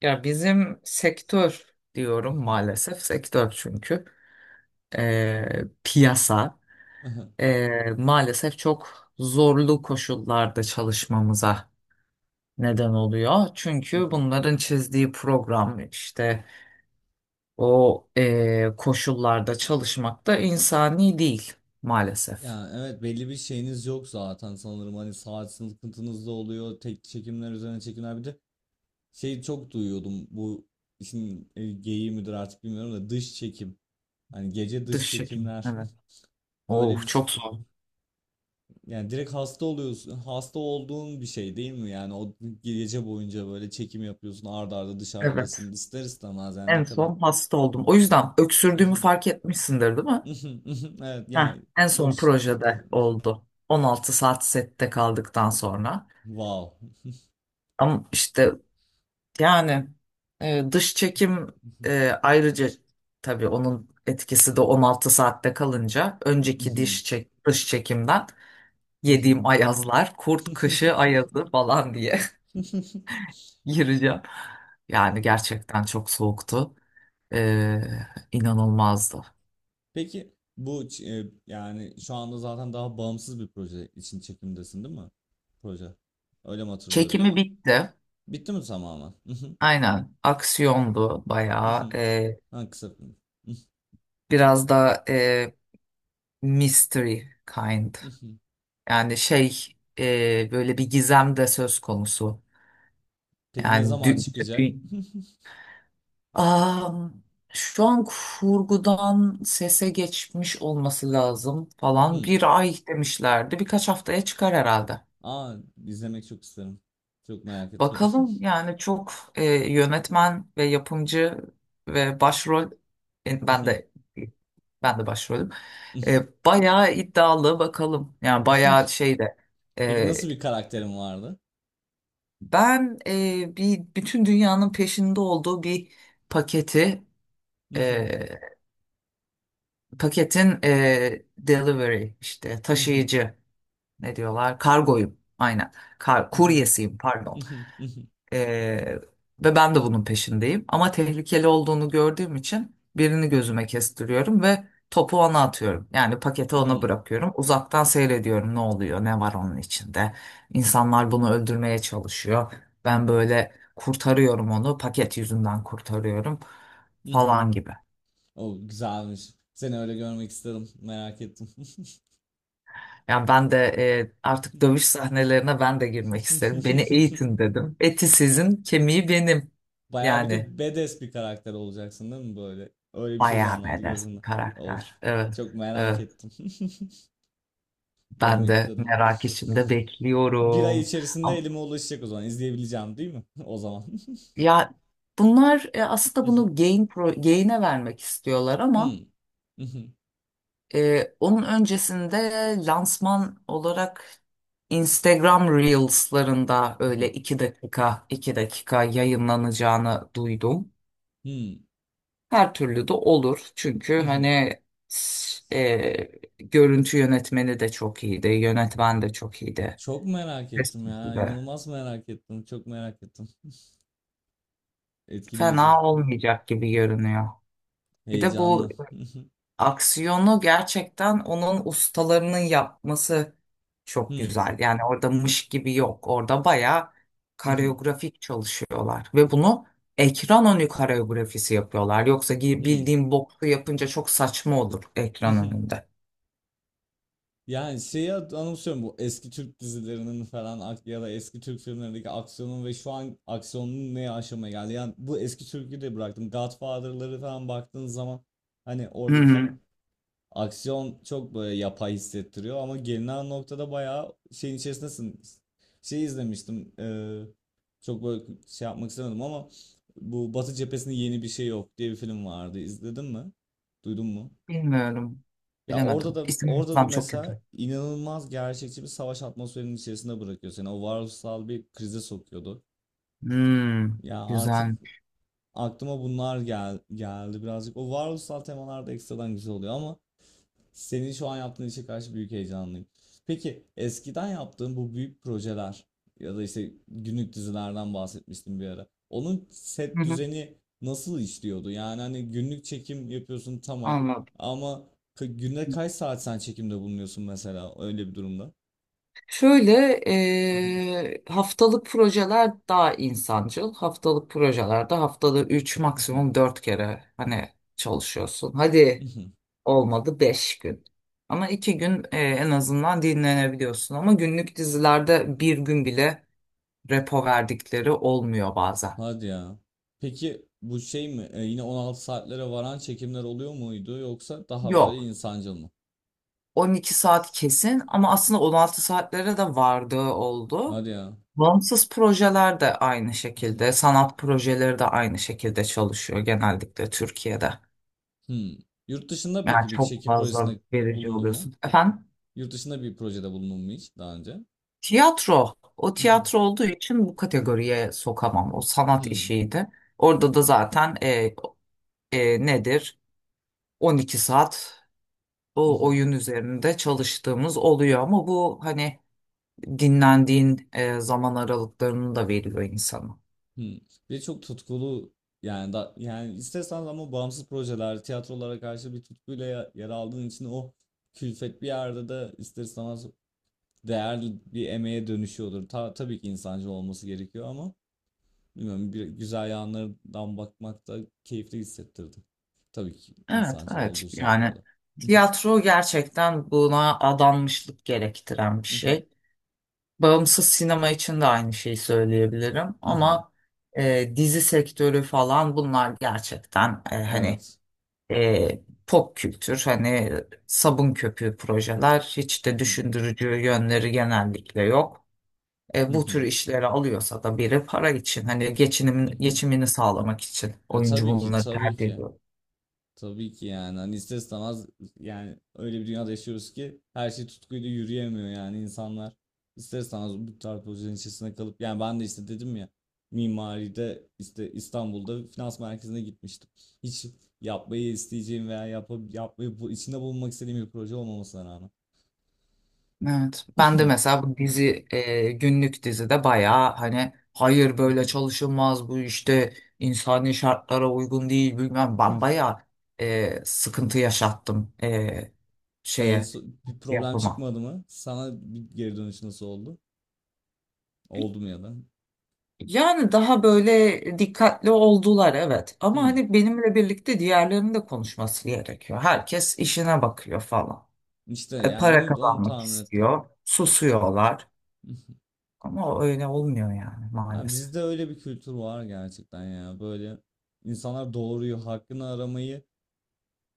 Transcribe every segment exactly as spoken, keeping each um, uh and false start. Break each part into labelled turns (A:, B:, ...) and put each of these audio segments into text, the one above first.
A: Ya bizim sektör diyorum,
B: Mhm,
A: maalesef sektör, çünkü Ee, piyasa
B: aha,
A: ee, maalesef çok zorlu koşullarda çalışmamıza neden oluyor. Çünkü
B: mhm.
A: bunların çizdiği program işte o ee, koşullarda çalışmak da insani değil maalesef.
B: Ya evet belli bir şeyiniz yok zaten sanırım hani saat sıkıntınız da oluyor, tek çekimler üzerine çekimler. Bir de şey, çok duyuyordum bu işin e, geyiği midir artık bilmiyorum da, dış çekim, hani gece dış
A: Dış çekim,
B: çekimler.
A: evet.
B: böyle
A: Oh,
B: bir ş-
A: çok zor.
B: Yani direkt hasta oluyorsun, hasta olduğun bir şey değil mi yani? O gece boyunca böyle çekim yapıyorsun, arda arda
A: Evet.
B: dışarıdasın, ister istemez yani ne
A: En
B: kadar...
A: son hasta oldum. O yüzden öksürdüğümü fark etmişsindir değil mi?
B: Evet
A: Heh,
B: yani.
A: en
B: Çok.
A: son projede oldu. on altı saat sette kaldıktan sonra.
B: Wow.
A: Ama işte yani e, dış çekim, e, ayrıca tabii onun etkisi de on altı saatte kalınca önceki
B: Mhm,
A: diş çek, dış çekimden
B: mhm.
A: yediğim ayazlar, kurt kışı ayazı falan diye gireceğim. Yani gerçekten çok soğuktu. E, inanılmazdı.
B: Peki bu ç- e, yani şu anda zaten daha bağımsız bir proje için çekimdesin değil mi? Proje. Öyle mi hatırlıyorum?
A: Çekimi bitti.
B: Bitti mi tamamen? Mhm,
A: Aynen, aksiyondu bayağı.
B: mhm.
A: E,
B: Ha, kısa film. Mhm,
A: Biraz da e, mystery kind.
B: mhm.
A: Yani şey, e, böyle bir gizem de söz konusu.
B: Peki ne
A: Yani
B: zaman
A: dü-
B: çıkacak?
A: dü- Am, Şu an kurgudan sese geçmiş olması lazım falan.
B: Hmm.
A: Bir ay demişlerdi. Birkaç haftaya çıkar herhalde.
B: Aa, izlemek çok isterim. Çok merak ettim.
A: Bakalım, yani çok e, yönetmen ve yapımcı ve başrol, e, ben de ben de başrolüm. E, bayağı iddialı bakalım. Yani bayağı şey de,
B: Peki
A: e,
B: nasıl bir karakterin vardı?
A: ben e, bir bütün dünyanın peşinde olduğu bir paketi, e, paketin, e, delivery, işte taşıyıcı, ne diyorlar, kargoyum, aynen. Kar, kuryesiyim pardon. Ee, ve ben de bunun peşindeyim. Ama tehlikeli olduğunu gördüğüm için birini gözüme kestiriyorum ve topu ona atıyorum. Yani paketi ona
B: Hmm.
A: bırakıyorum. Uzaktan seyrediyorum ne oluyor, ne var onun içinde. İnsanlar bunu öldürmeye çalışıyor. Ben böyle kurtarıyorum onu, paket yüzünden kurtarıyorum falan gibi.
B: O güzelmiş. Seni öyle görmek istedim. Merak ettim.
A: Yani ben de e, artık dövüş sahnelerine ben de girmek isterim. Beni eğitin dedim. Eti sizin, kemiği benim.
B: Bayağı bir
A: Yani,
B: de badass bir karakter olacaksın değil mi böyle? Öyle bir şey
A: bayağı
B: canlandı
A: badass bir
B: gözümde. Of.
A: karakter. Evet,
B: Çok merak
A: evet.
B: ettim.
A: Ben
B: Görmek
A: de
B: istedim.
A: merak içinde
B: Bir ay
A: bekliyorum.
B: içerisinde
A: Ama-
B: elime ulaşacak o zaman. İzleyebileceğim değil mi? O zaman.
A: Ya bunlar e, aslında bunu Gain Pro, Gain'e vermek istiyorlar ama e, onun öncesinde lansman olarak Instagram Reels'larında öyle iki dakika iki dakika yayınlanacağını duydum. Her türlü de olur. Çünkü hani s- e, görüntü yönetmeni de çok iyiydi, yönetmen de çok iyiydi.
B: Çok merak ettim ya.
A: Kesinlikle.
B: İnanılmaz merak ettim. Çok merak ettim. Etkileyici.
A: Fena olmayacak gibi görünüyor. Bir de bu
B: Heyecanlı.
A: aksiyonu gerçekten onun ustalarının yapması çok güzel. Yani orada mış gibi yok. Orada bayağı
B: Hı hı.
A: koreografik çalışıyorlar. Ve bunu ekran önü koreografisi yapıyorlar. Yoksa gi-
B: Hıı.
A: bildiğim boksu yapınca çok saçma olur
B: Hı
A: ekran
B: hı.
A: önünde.
B: Yani, şeyi hat anımsıyorum bu eski Türk dizilerinin falan ak ya da eski Türk filmlerindeki aksiyonun, ve şu an aksiyonun ne aşamaya geldi. Yani bu eski Türk'ü de bıraktım, Godfather'ları falan baktığın zaman hani oradaki
A: Hı-hı.
B: aksiyon çok böyle yapay hissettiriyor, ama gelinen noktada bayağı şeyin içerisindesin. Şey izlemiştim. Eee, çok böyle şey yapmak istemedim ama bu Batı Cephesi'nin Yeni Bir Şey Yok diye bir film vardı. İzledin mi? Duydun mu?
A: Bilmiyorum.
B: Ya orada
A: Bilemedim.
B: da,
A: İsim
B: orada da
A: hafızam çok kötü.
B: mesela inanılmaz gerçekçi bir savaş atmosferinin içerisinde bırakıyor seni. O varoluşsal bir krize sokuyordu.
A: Hmm,
B: Ya artık
A: güzel.
B: aklıma bunlar gel geldi birazcık. O varoluşsal temalar da ekstradan güzel oluyor, ama senin şu an yaptığın işe karşı büyük heyecanlıyım. Peki eskiden yaptığın bu büyük projeler ya da işte günlük dizilerden bahsetmiştim bir ara. Onun set
A: Hı-hı.
B: düzeni nasıl işliyordu? Yani hani günlük çekim yapıyorsun, tamam,
A: Anladım.
B: ama ka- günde kaç saat sen çekimde bulunuyorsun mesela öyle bir durumda?
A: Şöyle eee, haftalık projeler daha insancıl. Haftalık projelerde haftada üç, maksimum dört kere hani çalışıyorsun. Hadi olmadı beş gün. Ama iki gün eee, en azından dinlenebiliyorsun. Ama günlük dizilerde bir gün bile repo verdikleri olmuyor bazen.
B: Hadi ya. Peki bu şey mi? E, yine on altı saatlere varan çekimler oluyor muydu, yoksa daha böyle
A: Yok,
B: insancıl mı?
A: on iki saat kesin, ama aslında on altı saatlere de vardığı oldu.
B: Hadi ya.
A: Bağımsız projeler de aynı şekilde, sanat projeleri de aynı şekilde çalışıyor genellikle Türkiye'de.
B: Hmm. Yurt dışında
A: Yani
B: peki bir
A: çok
B: çekim
A: fazla
B: projesinde
A: verici
B: bulundun mu?
A: oluyorsun. Efendim,
B: Yurt dışında bir projede bulundun mu hiç daha önce?
A: tiyatro. O
B: Mhm,
A: tiyatro olduğu için bu kategoriye sokamam. O sanat
B: Hmm.
A: işiydi. Orada da zaten e, e, nedir, on iki saat o
B: Mhm,
A: oyun üzerinde çalıştığımız oluyor, ama bu hani dinlendiğin e, zaman aralıklarını da veriyor insana.
B: Hmm. Bir de çok tutkulu, yani da, yani istersen, ama bağımsız projeler, tiyatrolara karşı bir tutkuyla ya- yer aldığın için o külfet bir yerde de ister istemez değerli bir emeğe dönüşüyordur. Ta, tabii ki insancıl olması gerekiyor ama, bilmiyorum, bir güzel yanlarından bakmak da keyifli hissettirdi. Tabii ki
A: Evet,
B: insancıl
A: evet.
B: olduğu
A: Yani
B: şartlarda.
A: tiyatro gerçekten buna adanmışlık gerektiren bir şey. Bağımsız sinema için de aynı şeyi söyleyebilirim, ama e, dizi sektörü falan, bunlar gerçekten, e, hani
B: Evet.
A: e, pop kültür, hani e, sabun köpüğü projeler, hiç
B: Hı
A: de
B: hı.
A: düşündürücü yönleri genellikle yok.
B: Hı
A: E, bu tür
B: hı.
A: işleri alıyorsa da biri para için, hani
B: Hı
A: geçinimin,
B: hı.
A: geçimini sağlamak için
B: Ya
A: oyuncu
B: tabii ki,
A: bunları
B: tabii
A: tercih
B: ki.
A: ediyor.
B: Tabii ki yani. Hani ister istemez yani öyle bir dünyada yaşıyoruz ki her şey tutkuyla yürüyemiyor yani insanlar. İster istemez bu tarz projelerin içerisinde kalıp, yani ben de işte dedim ya, mimaride işte İstanbul'da finans merkezine gitmiştim. Hiç yapmayı isteyeceğim veya yapıp yapmayı bu, içinde bulunmak istediğim bir proje olmamasına rağmen.
A: Evet. Ben de mesela bu dizi, e, günlük dizide, bayağı hani hayır, böyle çalışılmaz bu işte, insani şartlara uygun değil bilmem, ben bayağı e, sıkıntı yaşattım e, şeye,
B: Bir problem
A: yapıma.
B: çıkmadı mı? Sana bir geri dönüş nasıl oldu? Oldu mu, ya da?
A: Yani daha böyle dikkatli oldular, evet, ama
B: Hmm.
A: hani benimle birlikte diğerlerinin de konuşması gerekiyor. Herkes işine bakıyor falan.
B: İşte
A: E,
B: yani
A: para
B: onu onu
A: kazanmak
B: tahmin ettim.
A: istiyor. Susuyorlar. Ama öyle olmuyor yani
B: Ha,
A: maalesef.
B: bizde öyle bir kültür var gerçekten ya. Böyle insanlar doğruyu, hakkını aramayı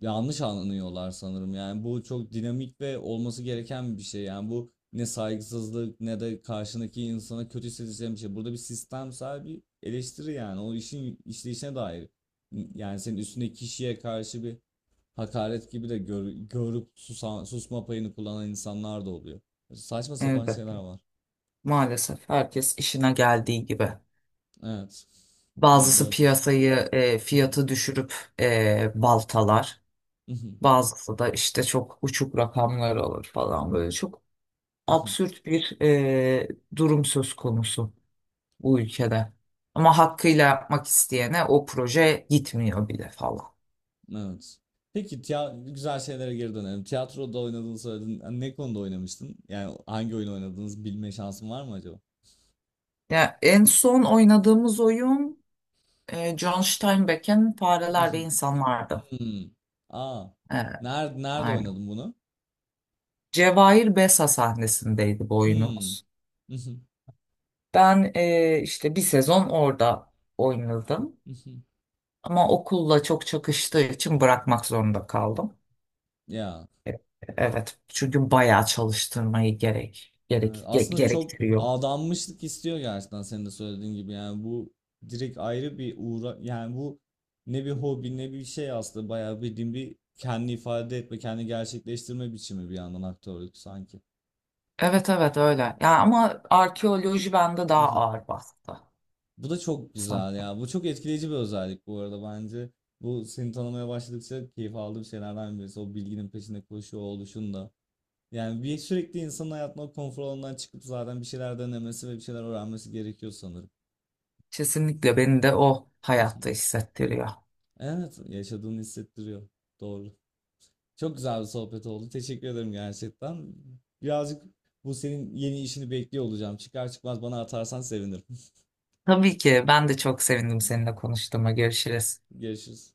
B: yanlış anlıyorlar sanırım. Yani bu çok dinamik ve olması gereken bir şey. Yani bu ne saygısızlık, ne de karşındaki insana kötü hissedeceğim bir şey. Burada bir sistemsel bir eleştiri yani. O işin işleyişine dair. Yani senin üstündeki kişiye karşı bir hakaret gibi de gör, görüp susan, susma payını kullanan insanlar da oluyor. Saçma sapan şeyler
A: Elbette.
B: var.
A: Maalesef herkes işine geldiği gibi.
B: Evet. Yani
A: Bazısı
B: korkunç.
A: piyasayı, e, fiyatı düşürüp e, baltalar. Bazısı da işte çok uçuk rakamlar alır falan böyle. Çok absürt bir e, durum söz konusu bu ülkede. Ama hakkıyla yapmak isteyene o proje gitmiyor bile falan.
B: Evet. Peki tiya- güzel şeylere geri dönelim. Tiyatroda oynadığını söyledin. Yani ne konuda oynamıştın? Yani hangi oyun oynadığınızı bilme şansın var mı acaba?
A: Ya en son oynadığımız oyun, E, John Steinbeck'in Fareler ve
B: Mhm.
A: İnsanlardı.
B: Hmm. Aa.
A: E,
B: Nerede nerede
A: aynen.
B: oynadın bunu?
A: Cevahir Besa sahnesindeydi bu
B: Hmm.
A: oyunumuz.
B: Mhm.
A: Ben e, işte bir sezon orada oynadım.
B: Mhm.
A: Ama okulla çok çakıştığı için bırakmak zorunda kaldım.
B: Ya.
A: Evet, çünkü bayağı çalıştırmayı gerek,
B: Evet,
A: gerek ge-
B: aslında çok
A: gerektiriyor.
B: adanmışlık istiyor gerçekten, senin de söylediğin gibi. Yani bu direkt ayrı bir uğra, yani bu ne bir hobi ne bir şey, aslında bayağı bildiğin bir kendi ifade etme, kendi gerçekleştirme biçimi bir yandan aktörlük sanki.
A: Evet, evet, öyle. Ya ama arkeoloji bende daha
B: Mhm.
A: ağır bastı.
B: Bu da çok güzel
A: Sanırım.
B: ya, bu çok etkileyici bir özellik bu arada, bence bu seni tanımaya başladıkça keyif aldığım şeylerden birisi o bilginin peşinde koşuyor oluşun da. Yani bir sürekli insanın hayatına o konfor alanından çıkıp zaten bir şeyler denemesi ve bir şeyler öğrenmesi gerekiyor sanırım.
A: Kesinlikle beni de o hayatta hissettiriyor.
B: Evet, yaşadığını hissettiriyor. Doğru. Çok güzel bir sohbet oldu. Teşekkür ederim gerçekten. Birazcık bu senin yeni işini bekliyor olacağım. Çıkar çıkmaz bana atarsan sevinirim.
A: Tabii ki ben de çok sevindim seninle konuştuğuma. Görüşürüz.
B: Görüşürüz.